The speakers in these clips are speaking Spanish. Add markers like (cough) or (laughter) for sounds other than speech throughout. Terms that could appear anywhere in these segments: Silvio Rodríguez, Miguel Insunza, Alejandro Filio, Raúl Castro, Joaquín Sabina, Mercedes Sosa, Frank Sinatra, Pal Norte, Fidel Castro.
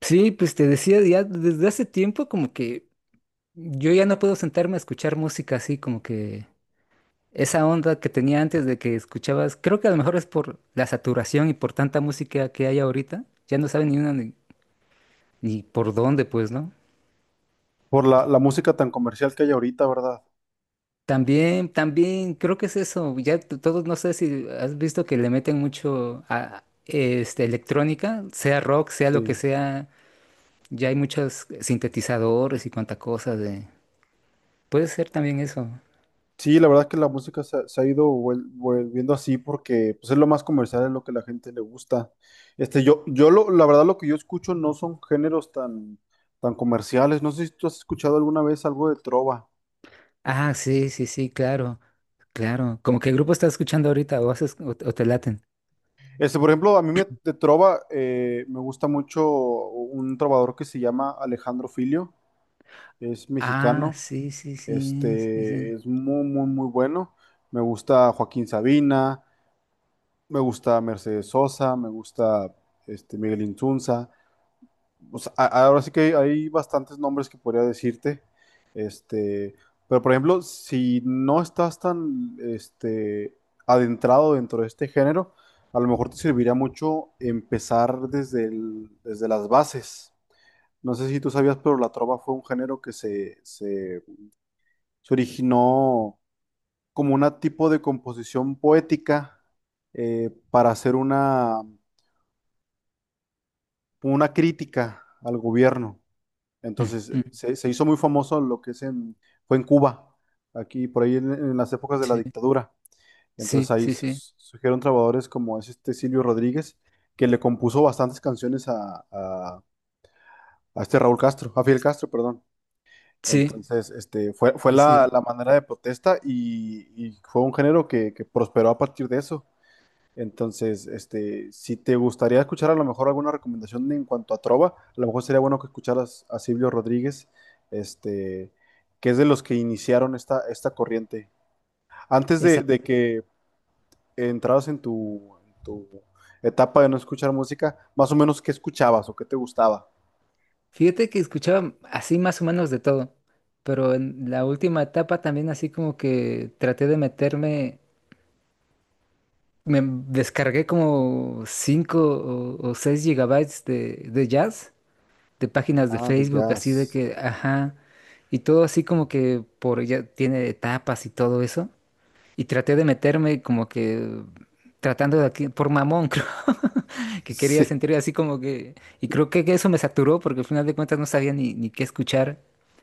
Sí, pues te decía, ya desde hace tiempo como que yo ya no puedo sentarme a escuchar música así, como que esa onda que tenía antes de que escuchabas, creo que a lo mejor es por la saturación y por tanta música que hay ahorita, ya no saben ni una ni por dónde, pues, ¿no? Por la música tan comercial que hay ahorita, ¿verdad? También, también creo que es eso, ya todos, no sé si has visto que le meten mucho a este, electrónica, sea rock, sea lo que Sí. sea, ya hay muchos sintetizadores y cuanta cosa de... Puede ser también eso. Sí, la verdad es que la música se ha ido volviendo así porque pues, es lo más comercial, es lo que la gente le gusta. La verdad lo que yo escucho no son géneros tan comerciales. No sé si tú has escuchado alguna vez algo de trova. Ah, sí, sí, sí, claro, claro. ¿Como qué grupo estás escuchando ahorita? ¿O, o te laten? Por ejemplo, de trova me gusta mucho un trovador que se llama Alejandro Filio, es Ah, mexicano, sí, sí, sí, sí, sí. es muy, muy, muy bueno. Me gusta Joaquín Sabina. Me gusta Mercedes Sosa, me gusta Miguel Insunza. O sea, ahora sí que hay bastantes nombres que podría decirte. Este, pero por ejemplo, si no estás adentrado dentro de este género, a lo mejor te serviría mucho empezar desde las bases. No sé si tú sabías, pero la trova fue un género que se originó como un tipo de composición poética para hacer una crítica al gobierno. Mm, Entonces, mm. se hizo muy famoso lo que es fue en Cuba, aquí por ahí en las épocas de la Sí, dictadura. sí, Entonces ahí sí, sí. Surgieron trabajadores como es este Silvio Rodríguez, que le compuso bastantes canciones a este Raúl Castro, a Fidel Castro, perdón. Sí, Entonces, fue sí, la, sí. la manera de protesta y fue un género que prosperó a partir de eso. Entonces, si te gustaría escuchar a lo mejor alguna recomendación en cuanto a trova, a lo mejor sería bueno que escucharas a Silvio Rodríguez, este, que es de los que iniciaron esta corriente. Antes Esa. de que entraras en tu etapa de no escuchar música, más o menos qué escuchabas o qué te gustaba. Fíjate que escuchaba así más o menos de todo, pero en la última etapa también así como que traté de meterme, me descargué como 5 o 6 gigabytes de jazz. De páginas de Ah, de Facebook, así de jazz. que, (laughs) ajá, y todo así como que por ya tiene etapas y todo eso. Y traté de meterme como que tratando de aquí, por mamón, (laughs) creo, que quería Sí, sentir así como que, y creo que eso me saturó porque al final de cuentas no sabía ni qué escuchar.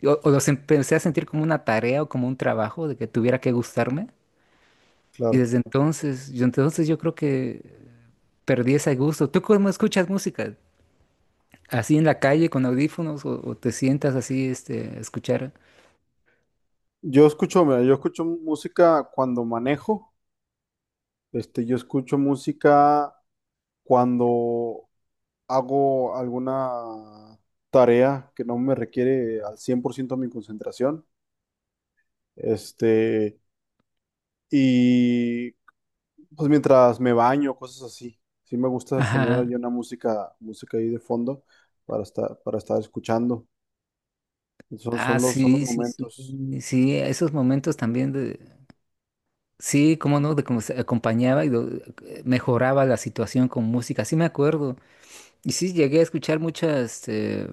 O los empecé a sentir como una tarea o como un trabajo de que tuviera que gustarme. Y claro. desde entonces, yo creo que perdí ese gusto. ¿Tú cómo escuchas música? Así en la calle con audífonos o te sientas así este, a escuchar. Yo escucho, mira, yo escucho música cuando manejo, yo escucho música cuando hago alguna tarea que no me requiere al 100% mi concentración, este, y pues mientras me baño, cosas así. Sí me gusta poner Ajá. ahí una música ahí de fondo para estar escuchando. Son, Ah, son los, son los sí, sí, sí. momentos. Sí, esos momentos también de... Sí, cómo no, de cómo se acompañaba y mejoraba la situación con música. Sí me acuerdo. Y sí, llegué a escuchar mucha este,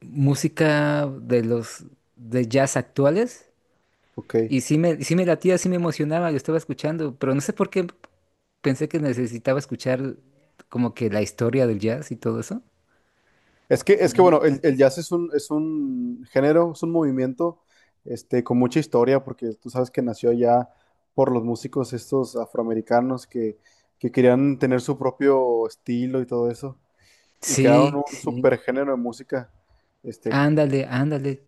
música de los de jazz actuales. Ok. Y sí me latía, sí me emocionaba, lo estaba escuchando, pero no sé por qué pensé que necesitaba escuchar como que la historia del jazz y todo eso. Es que bueno, el jazz es un género, es un movimiento con mucha historia, porque tú sabes que nació ya por los músicos estos afroamericanos que querían tener su propio estilo y todo eso, y Sí, crearon un sí, super género de música. Este, ándale, ándale.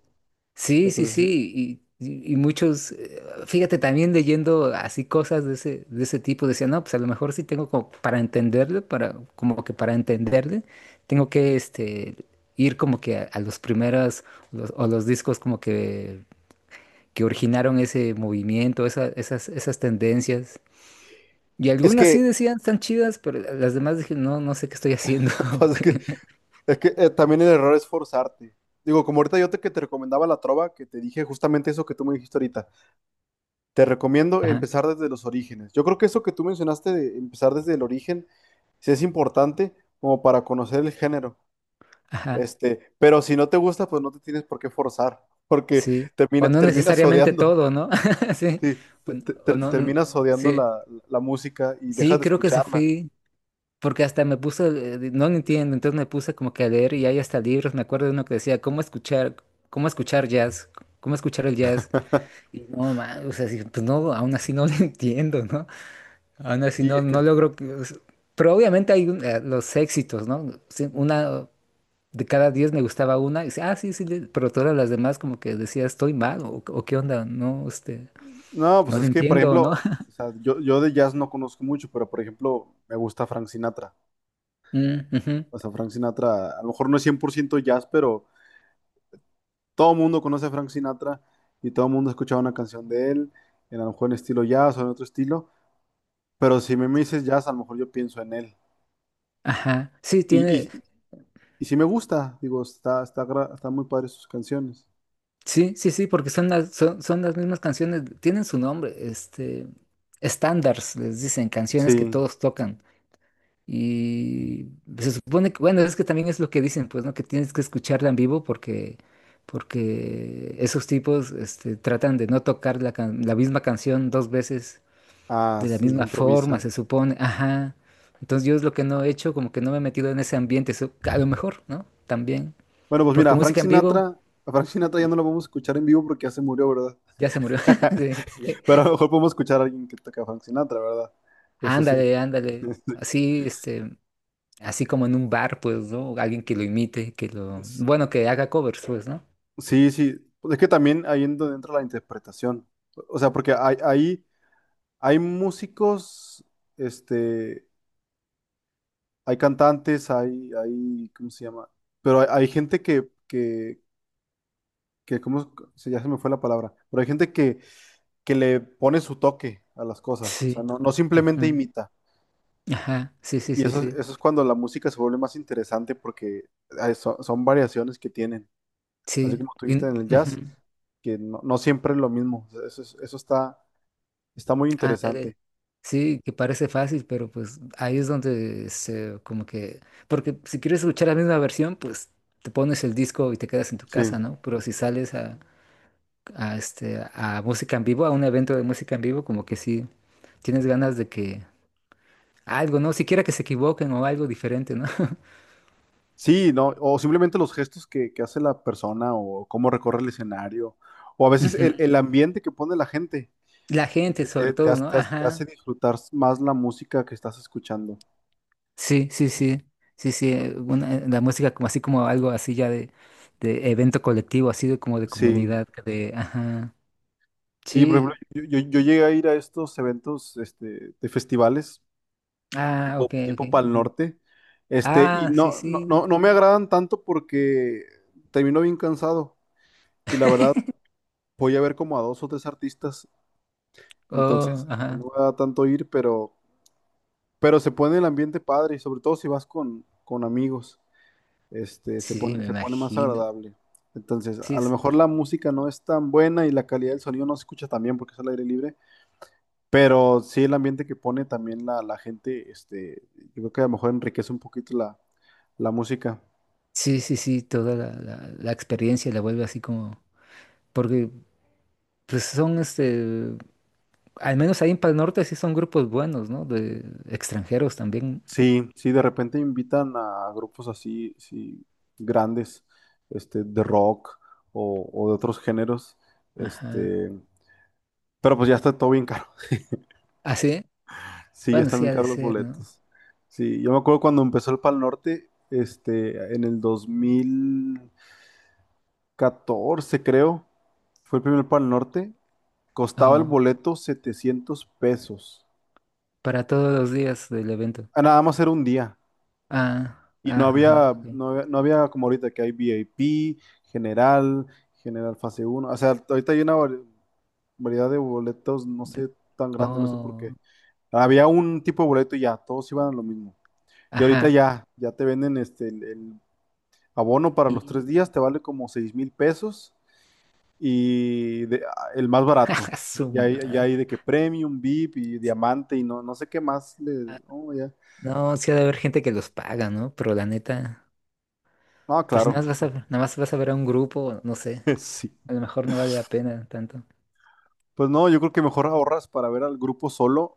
Sí, sí, entonces, sí, sí. Y muchos, fíjate, también leyendo así cosas de ese tipo, decían, no, pues a lo mejor sí tengo como para entenderle, para, como que para entenderle, tengo que este, ir como que a los primeros o los discos como que originaron ese movimiento, esas tendencias. Y es algunas sí que, decían, están chidas, pero las demás dije, no, no sé qué estoy haciendo. (laughs) pues, es que, (laughs) es que también el error es forzarte. Digo, como ahorita que te recomendaba la trova, que te dije justamente eso que tú me dijiste ahorita. Te recomiendo Ajá, empezar desde los orígenes. Yo creo que eso que tú mencionaste de empezar desde el origen sí es importante como para conocer el género. ajá. Pero si no te gusta, pues no te tienes por qué forzar, porque Sí, o no terminas necesariamente odiando, todo, ¿no? (laughs) Sí, sí, o, n- o no, n- terminas odiando sí, la música y dejas sí, de creo que se escucharla. fui, porque hasta me puse, no lo entiendo, entonces me puse como que a leer y hay hasta libros, me acuerdo de uno que decía, ¿cómo escuchar jazz? ¿Cómo escuchar el jazz? Y no, man, o sea, sí, pues no, aún así no (laughs) lo entiendo, ¿no? Aún así Sí, no, no logro, o sea, pero obviamente hay los éxitos, ¿no? Sí, una... De cada 10 me gustaba una, y dice, ah, sí, sí, pero todas las demás como que decía, estoy mal, o qué onda, no, este. no, pues No lo es que, por entiendo, ¿no? ejemplo, o (laughs) sea, yo de jazz no conozco mucho, pero por ejemplo, me gusta Frank Sinatra. Mm, ujú. O sea, Frank Sinatra, a lo mejor no es 100% jazz, pero todo el mundo conoce a Frank Sinatra y todo el mundo ha escuchado una canción de él, en a lo mejor en estilo jazz o en otro estilo, pero si me dices jazz, a lo mejor yo pienso en él. Ajá. Sí, Y, tiene. y, y sí me gusta, digo, está muy padre sus canciones. Sí, sí, sí, porque son las, son, son las mismas canciones. Tienen su nombre. Este. Standards, les dicen, canciones que Sí, todos tocan. Y se supone que, bueno, es que también es lo que dicen, pues, ¿no? Que tienes que escucharla en vivo porque. Porque esos tipos este, tratan de no tocar la, la misma canción dos veces ah, de la sí, se misma forma, improvisa. se supone. Ajá. Entonces yo es lo que no he hecho, como que no me he metido en ese ambiente, eso, a lo mejor, ¿no? También. Bueno, pues Porque mira, música en vivo a Frank Sinatra ya no lo vamos a escuchar en vivo porque ya se murió, ¿verdad? ya se murió. (laughs) (laughs) Sí, sí. Pero a lo mejor podemos escuchar a alguien que toca a Frank Sinatra, ¿verdad? Eso sí. Ándale, ándale. Así, este, así como en un bar, pues, ¿no? Alguien que lo imite, que lo, S- bueno, que haga covers, pues, ¿no? Sí, sí. Pues es que también ahí en donde entra la interpretación. O sea, porque ahí hay músicos, este, hay cantantes, ¿cómo se llama? Pero hay gente ¿ ya se me fue la palabra? Pero hay gente que le pone su toque a las cosas, o sea, Sí. no, no simplemente Ujú. imita. Ajá. Sí, sí, Y sí, sí. eso es cuando la música se vuelve más interesante porque son variaciones que tienen. Así Sí. como tú Y- viste en el jazz, ujú. que no, no siempre es lo mismo. O sea, eso, eso está muy Ándale. interesante. Sí, que parece fácil, pero pues ahí es donde se como que, porque si quieres escuchar la misma versión, pues te pones el disco y te quedas en tu casa, Sí. ¿no? Pero si sales a este, a música en vivo, a un evento de música en vivo, como que sí. Tienes ganas de que algo, ¿no? Siquiera que se equivoquen o algo diferente, ¿no? (laughs) Sí, no, o simplemente los gestos que hace la persona o cómo recorre el escenario, o a veces Ujú. el ambiente que pone la gente La gente, sobre todo, ¿no? Te Ajá. hace disfrutar más la música que estás escuchando. Sí, sí, sí. Sí, sí. La música como así como algo así ya de evento colectivo, así de como de Sí, comunidad, de, ajá. sí, por ejemplo, Sí. yo llegué a ir a estos eventos de festivales Ah, tipo, ok, tipo Pal ok. Norte, y Ah, sí, no, no, sí. no, no me agradan tanto porque termino bien cansado y la verdad voy a ver como a dos o tres artistas, Oh, entonces ajá. no me da tanto ir, pero... Pero se pone el ambiente padre y sobre todo si vas con amigos, se Sí, sí, pone, me se pone más imagino. agradable. Entonces, Sí, a lo es- mejor la música no es tan buena y la calidad del sonido no se escucha tan bien porque es al aire libre, pero sí el ambiente que pone también la gente, yo creo que a lo mejor enriquece un poquito la música. sí, sí, sí, toda la experiencia la vuelve así como, porque pues son este. Al menos ahí en Pal Norte sí son grupos buenos, ¿no? De extranjeros también. Sí, sí, de repente invitan a grupos así, sí, grandes, de rock o de otros géneros, Ajá. este, pero pues ya está todo bien caro. ¿Ah, sí? Sí, ya Bueno, están sí bien ha de caros los ser, ¿no? boletos. Sí, yo me acuerdo cuando empezó el Pal Norte, en el 2014 creo, fue el primer Pal Norte, costaba el Oh, boleto 700 pesos. para todos los días del evento. Ah, nada más era un día. Ah, Y no ajá, ajá, había, ok. no había, no había como ahorita que hay VIP, general, general fase uno. O sea, ahorita hay una variedad de boletos, no De- sé, tan grande, no sé por oh, qué. Había un tipo de boleto y ya, todos iban a lo mismo. Y ahorita ajá. ya te venden abono para los 3 días Y... te vale como 6,000 pesos ah, el más (laughs) barato. ¡Ja, su Ya madre! hay de que premium, VIP y diamante y no, no sé qué más. Ah. Oh, ya. No, sí ha de haber gente que los paga, ¿no? Pero la neta... No, Pero si nada claro, más vas sí. a, nada más vas a ver a un grupo, no sé. (laughs) Sí. A lo mejor no vale la pena tanto. Pues no, yo creo que mejor ahorras para ver al grupo solo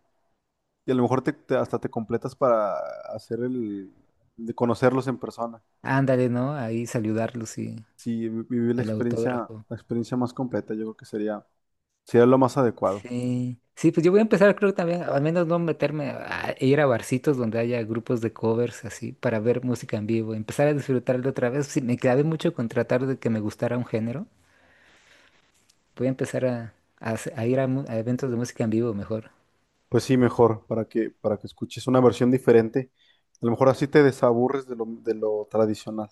y a lo mejor hasta te completas para hacer de conocerlos en persona. Ándale, ¿no? Ahí saludarlos y Sí, vivir el autógrafo. la experiencia más completa, yo creo que sería lo más adecuado. Sí, sí, pues yo voy a empezar, creo que también, al menos no meterme a ir a barcitos donde haya grupos de covers así para ver música en vivo, empezar a disfrutarlo otra vez. Sí, me clavé mucho con tratar de que me gustara un género. Voy a empezar a a ir a, a eventos de música en vivo mejor. Pues sí, mejor, para que escuches una versión diferente. A lo mejor así te desaburres de lo tradicional.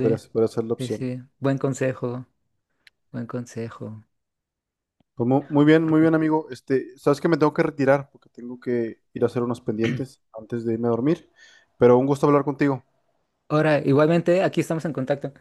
Podría ser la sí, opción. sí, buen consejo, buen consejo. Pues muy Porque bien, amigo. Sabes que me tengo que retirar porque tengo que ir a hacer unos pendientes antes de irme a dormir. Pero un gusto hablar contigo. ahora, igualmente, aquí estamos en contacto.